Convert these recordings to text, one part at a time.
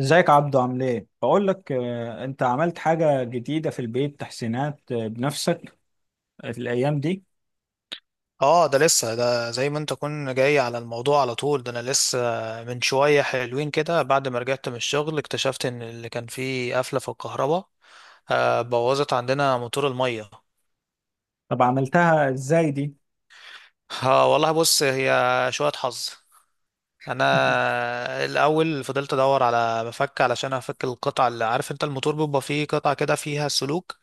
ازيك عبدو؟ عامل ايه؟ بقول لك، انت عملت حاجة جديدة في البيت؟ تحسينات، بنفسك الايام دي؟ اه، ده لسه، ده زي ما انت كنت جاي على الموضوع على طول. ده انا لسه من شوية حلوين كده بعد ما رجعت من الشغل اكتشفت ان اللي كان فيه قفلة في الكهرباء بوظت عندنا موتور المية. طب عملتها ازاي دي؟ اه والله بص، هي شوية حظ. انا الاول فضلت ادور على مفك علشان افك القطع، اللي عارف انت الموتور بيبقى فيه قطعة كده فيها سلوك،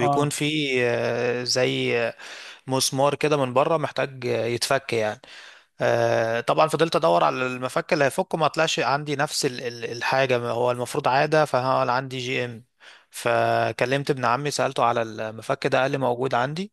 اه فيه زي مسمار كده من بره محتاج يتفك يعني. طبعا فضلت ادور على المفك اللي هيفكه، ما طلعش عندي نفس الحاجه، ما هو المفروض عاده، فانا عندي جي ام. فكلمت ابن عمي سالته على المفك ده، قال لي موجود عندي.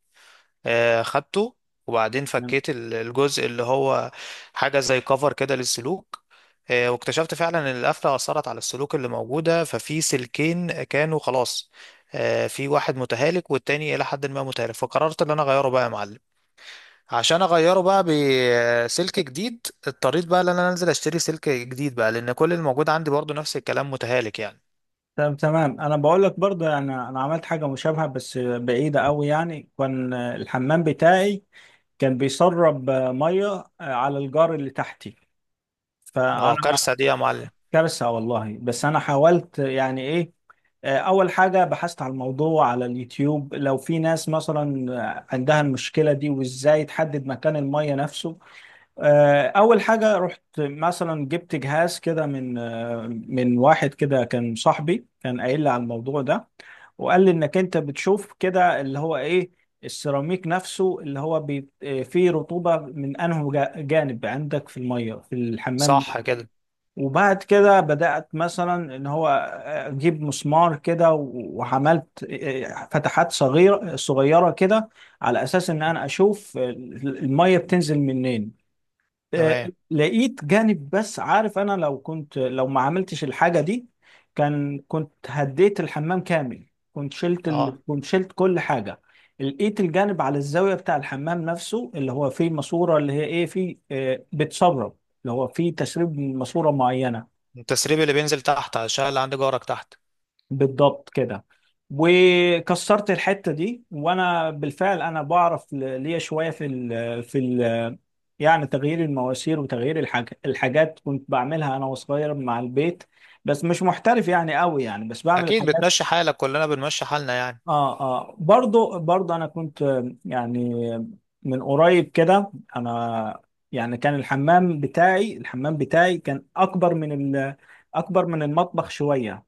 خدته. وبعدين فكيت الجزء اللي هو حاجه زي كفر كده للسلوك. واكتشفت فعلا ان القفله اثرت على السلوك اللي موجوده، ففي سلكين كانوا خلاص، في واحد متهالك والتاني الى حد ما متهالك، فقررت ان انا اغيره بقى يا معلم. عشان اغيره بقى بسلك جديد، اضطريت بقى ان انا انزل اشتري سلك جديد بقى، لان كل الموجود عندي برضو نفس الكلام متهالك يعني. تمام تمام. انا بقول لك برضه، يعني انا عملت حاجة مشابهة بس بعيدة قوي. يعني كان، الحمام بتاعي كان بيسرب، مية، على الجار اللي تحتي. اه فانا كارثة دي يا معلم. كارثة والله. بس انا حاولت، يعني ايه، أول حاجة بحثت على الموضوع على اليوتيوب، لو في ناس مثلا، عندها المشكلة دي، وإزاي تحدد مكان المية نفسه. أول حاجة رحت مثلا جبت جهاز كده من، من واحد كده كان صاحبي، كان قايل لي على الموضوع ده. وقال لي إنك أنت بتشوف كده اللي هو إيه، السيراميك نفسه اللي هو فيه رطوبة من أنه جانب عندك في المية في الحمام. صح كده. وبعد كده بدأت مثلا ان هو اجيب مسمار كده، وعملت فتحات صغيرة صغيرة كده، على اساس ان انا اشوف المية بتنزل منين. آه، تمام. لقيت جانب. بس عارف، انا لو كنت، لو ما عملتش الحاجة دي كان كنت هديت الحمام كامل. كنت شلت اه، ال... كنت شلت كل حاجة. لقيت الجانب على الزاوية بتاع الحمام نفسه اللي هو فيه ماسورة، اللي هي ايه، فيه بتسرب، اللي هو فيه تسريب من ماسورة معينة. التسريب اللي بينزل تحت عشان اللي عندي جارك تحت. بالضبط كده. وكسرت الحتة دي، وانا بالفعل انا بعرف ليا شوية في ال في ال، يعني تغيير المواسير وتغيير الحاجات، كنت بعملها انا وصغير مع البيت. بس مش محترف يعني قوي، يعني بس بعمل اكيد الحاجات. بتمشي حالك، كلنا بنمشي حالنا يعني. اه اه، برضو انا كنت، يعني من قريب كده انا، يعني كان الحمام بتاعي كان اكبر من ال، اكبر من المطبخ شوية.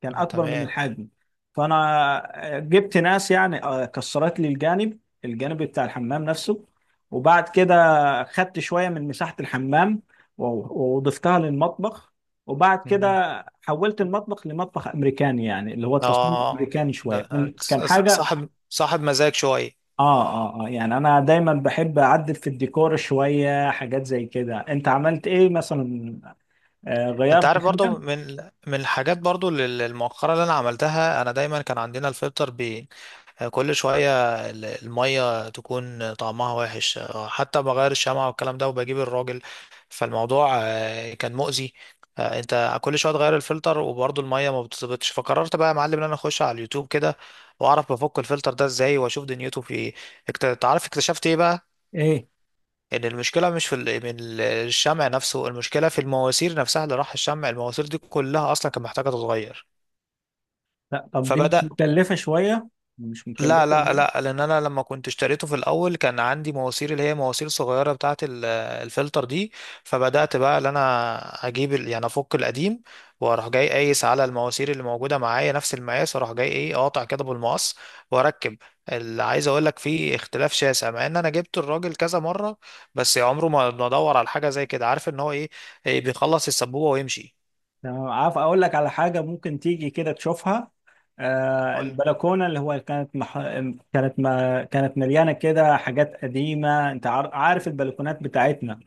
كان اه اكبر من تمام. الحجم. فانا جبت ناس، يعني، كسرت لي الجانب، الجانب بتاع الحمام نفسه. وبعد كده خدت شويه من مساحه الحمام، وضفتها للمطبخ. وبعد كده مم. حولت المطبخ لمطبخ امريكاني، يعني اللي هو التصميم اه، الامريكاني. ده أنت كان حاجه. صاحب صاحب مزاج شوية. اه اه اه، يعني انا دايما بحب اعدل في الديكور شويه حاجات زي كده. انت عملت ايه مثلا؟ آه انت غيرت عارف حاجه؟ برضو من، من الحاجات برضو المؤخرة اللي انا عملتها، انا دايما كان عندنا الفلتر، كل شوية المية تكون طعمها وحش، حتى بغير الشمعة والكلام ده وبجيب الراجل. فالموضوع كان مؤذي. انت كل شوية تغير الفلتر وبرضه المية ما بتظبطش، فقررت بقى يا معلم ان انا اخش على اليوتيوب كده واعرف بفك الفلتر ده ازاي واشوف دنيته في ايه. تعرف اكتشفت ايه بقى؟ ايه؟ ان المشكلة مش في الشمع نفسه، المشكلة في المواسير نفسها اللي راح الشمع. المواسير دي كلها اصلا كانت محتاجة تتغير. لا طب دي فبدأ. مش مكلفة شوية؟ مش مكلفة لا لا والله. لا، لان انا لما كنت اشتريته في الاول كان عندي مواسير اللي هي مواسير صغيره بتاعه الفلتر دي. فبدات بقى ان انا اجيب يعني افك القديم، واروح جاي قايس على المواسير اللي موجوده معايا نفس المقاس، واروح جاي ايه اقطع كده بالمقص واركب. اللي عايز اقول لك، فيه اختلاف شاسع، مع ان انا جبت الراجل كذا مره، بس عمره ما دور على حاجه زي كده. عارف ان هو ايه، إيه؟ بيخلص السبوبه ويمشي. تمام. عارف أقول لك على حاجة؟ ممكن تيجي كده تشوفها. آه بقول، البلكونة اللي هو كانت مح... كانت ما... كانت مليانة كده حاجات قديمة. أنت عارف البلكونات بتاعتنا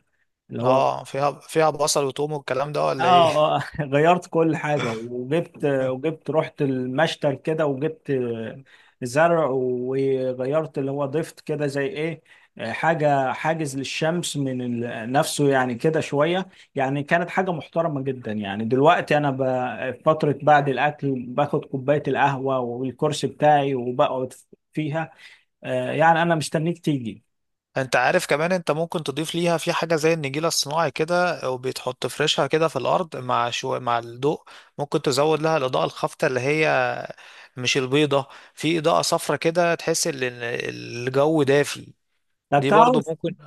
اللي هو. اه، فيها فيها بصل وتوم والكلام ده اه، ولا ايه؟ آه، غيرت كل حاجة، وجبت رحت المشتل كده وجبت زرع. وغيرت اللي هو ضفت كده زي ايه، حاجة حاجز للشمس نفسه، يعني كده شوية. يعني كانت حاجة محترمة جدا. يعني دلوقتي أنا فترة بعد الأكل باخد كوباية القهوة والكرسي بتاعي وبقعد فيها. يعني أنا مستنيك تيجي. انت عارف كمان، انت ممكن تضيف ليها في حاجة زي النجيلة الصناعي كده وبيتحط فرشها كده في الارض، مع شو، مع الضوء ممكن تزود لها الاضاءة الخافتة، اللي هي مش البيضة، في اضاءة صفرة كده تحس ان الجو دافي. طب دي برضو تعرف، ممكن.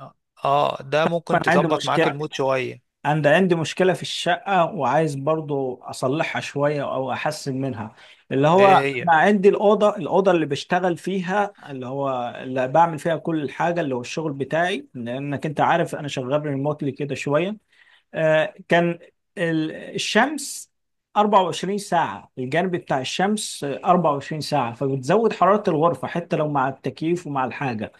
اه، ده ممكن أنا عندي تظبط معاك مشكلة المود شوية. أنا عندي مشكلة في الشقة، وعايز برضو أصلحها شوية أو أحسن منها. اللي هو أنا ايه هي؟ عندي الأوضة اللي بشتغل فيها، اللي هو اللي بعمل فيها كل الحاجة، اللي هو الشغل بتاعي، لأنك أنت عارف أنا شغال ريموتلي كده شوية. كان الشمس 24 ساعة، الجانب بتاع الشمس 24 ساعة، فبتزود حرارة الغرفة حتى لو مع التكييف ومع الحاجة.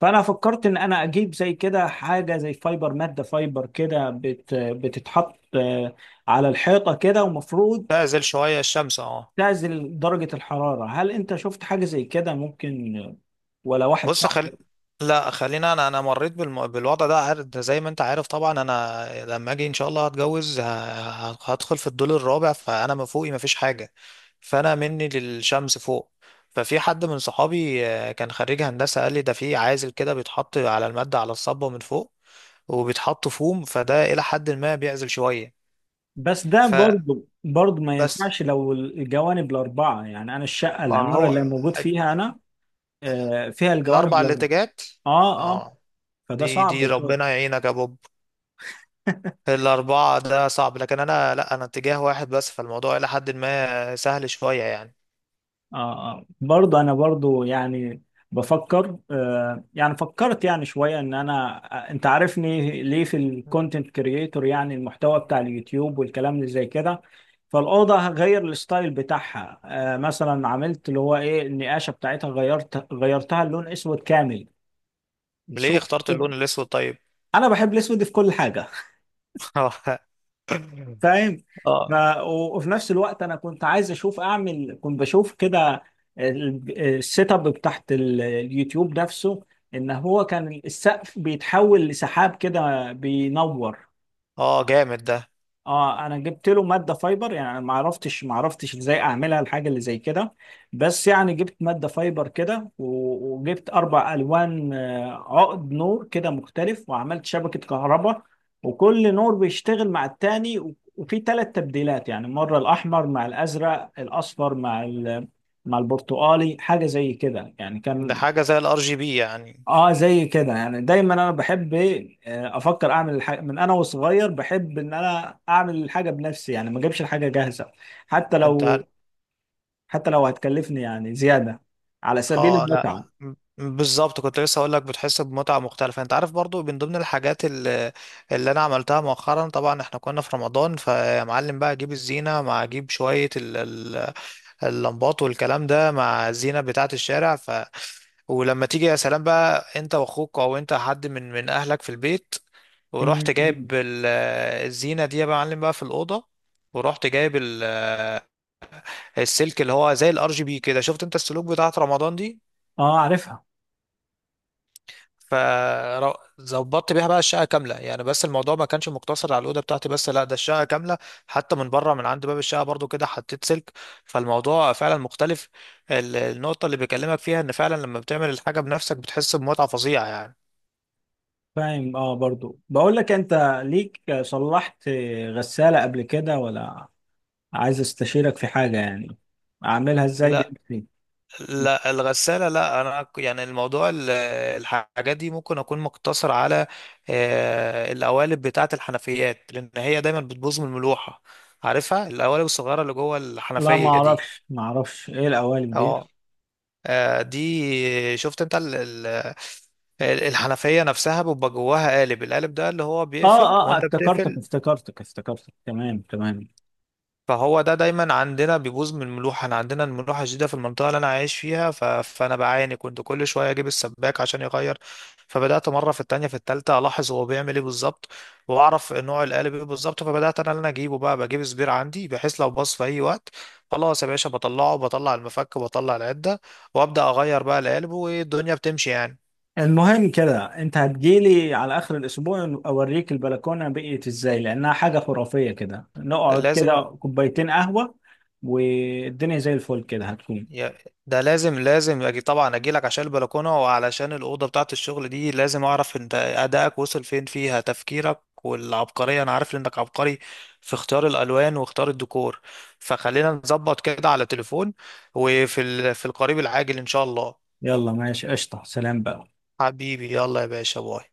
فانا فكرت ان انا اجيب زي كده حاجه، زي فايبر، ماده فايبر كده بتتحط، على الحيطه كده، ومفروض تعزل شوية الشمس، اه. تعزل درجه الحراره. هل انت شفت حاجه زي كده ممكن، ولا واحد بص صاحبي؟ لا، خلينا. انا مريت بالوضع ده، عارف، ده زي ما انت عارف طبعا، انا لما اجي ان شاء الله هتجوز، هدخل في الدور الرابع، فانا ما فوقي ما فيش حاجه، فانا مني للشمس فوق. ففي حد من صحابي كان خريج هندسه قال لي ده في عازل كده بيتحط على الماده، على الصبه من فوق، وبيتحط فوم، فده الى حد ما بيعزل شويه. بس ده برضو ما فبس، ينفعش لو الجوانب الاربعه. يعني انا الشقه ما العماره هو اللي موجود فيها انا، فيها الجوانب الاربع الاربعه. الاتجاهات، اه اه. اه. فده دي دي صعب شويه. ربنا يعينك يا بوب. الأربعة ده صعب، لكن أنا لأ، أنا اتجاه واحد بس، فالموضوع إلى حد ما سهل شوية يعني. آه آه. برضه أنا برضه، يعني بفكر آه، يعني فكرت يعني شوية إن أنا، أنت عارفني ليه في مم. الكونتنت كرييتور، يعني المحتوى بتاع اليوتيوب والكلام اللي زي كده. فالأوضة هغير الستايل بتاعها. آه مثلا عملت اللي هو إيه، النقاشة بتاعتها غيرت غيرتها اللون أسود كامل. ليه شوف، اخترت شوف، اللون الأسود طيب؟ أنا بحب الأسود في كل حاجة. فاهم. اه، ما وفي نفس الوقت انا كنت عايز اشوف اعمل، كنت بشوف كده السيت اب بتاعت اليوتيوب نفسه، ان هو كان السقف بيتحول لسحاب كده بينور. اه جامد ده. اه انا جبت له ماده فايبر. يعني أنا ما عرفتش ازاي اعملها الحاجه اللي زي كده. بس يعني جبت ماده فايبر كده، وجبت اربع الوان، عقد نور كده مختلف، وعملت شبكه كهرباء. وكل نور بيشتغل مع التاني، وفي ثلاث تبديلات. يعني مره الاحمر مع الازرق، الاصفر مع مع البرتقالي، حاجه زي كده يعني ده كان. حاجة زي الار جي بي يعني. اه زي كده. يعني دايما انا بحب ايه، افكر اعمل الحاجه. من انا وصغير بحب ان انا اعمل الحاجه بنفسي، يعني ما اجيبش الحاجه جاهزه. حتى انت لو، عارف، حتى لو هتكلفني يعني زياده، على سبيل اه لا، المتعه. م- بالظبط كنت لسه اقول لك بتحس بمتعة مختلفة. انت عارف برضو من ضمن الحاجات اللي، اللي انا عملتها مؤخرا، طبعا احنا كنا في رمضان، فيا معلم بقى اجيب الزينة، مع اجيب شوية اللمبات والكلام ده، مع الزينة بتاعة الشارع. ولما تيجي يا سلام بقى انت واخوك او انت حد من من اهلك في البيت، ورحت مم، مم. جايب الزينه دي يا معلم بقى في الاوضه، ورحت جايب السلك اللي هو زي الار جي بي كده، شفت انت السلوك بتاعت رمضان دي. اه عارفها. فظبطت بيها بقى الشقه كامله يعني، بس الموضوع ما كانش مقتصر على الاوضه بتاعتي بس، لا، ده الشقه كامله، حتى من بره من عند باب الشقه برضو كده حطيت سلك. فالموضوع فعلا مختلف. النقطه اللي بكلمك فيها ان فعلا لما بتعمل الحاجه بنفسك بتحس بمتعه فظيعه يعني. فاهم. اه برضو بقول لك انت، ليك صلحت غساله قبل كده ولا؟ عايز استشيرك في حاجه، يعني اعملها ازاي لا، بنفسي. لا الغسالة لا. أنا ك- يعني الموضوع الحاجات دي ممكن أكون مقتصر على القوالب بتاعة الحنفيات، لأن هي دايما بتبوظ من الملوحة. عارفها القوالب الصغيرة اللي جوه لا ما الحنفية دي؟ اعرفش ما اعرفش ايه القوالب دي. اه، دي شفت انت الحنفية نفسها بيبقى جواها قالب، القالب ده اللي هو اه بيقفل اه، وانت افتكرتك بتقفل. افتكرتك افتكرتك تمام تمام. فهو ده دايما عندنا بيبوظ من الملوحة، انا عندنا الملوحة شديدة في المنطقة اللي انا عايش فيها، فانا بعاني، كنت كل شوية اجيب السباك عشان يغير. فبدأت مرة في التانية في التالتة الاحظ هو بيعمل ايه بالظبط، واعرف نوع القالب ايه بالظبط. فبدأت انا اللي أنا اجيبه بقى، بجيب سبير عندي، بحيث لو باظ في اي وقت خلاص يا باشا بطلعه، بطلع المفك بطلع العدة وابدأ اغير بقى القالب، والدنيا بتمشي يعني. المهم كده انت هتجيلي على اخر الاسبوع، اوريك البلكونه بقيت ازاي، لانها حاجه خرافيه كده، نقعد لازم. كده كوبايتين قهوه والدنيا زي الفل كده هتكون. يا- ده لازم، لازم أجي طبعا، اجي لك عشان البلكونه وعلشان الاوضه بتاعه الشغل دي، لازم اعرف انت ادائك وصل فين، فيها تفكيرك والعبقريه، انا عارف انك عبقري في اختيار الالوان واختيار الديكور. فخلينا نظبط كده على تليفون، وفي في القريب العاجل ان شاء الله. يلا ماشي قشطه، سلام بقى. حبيبي يلا يا باشا، باي.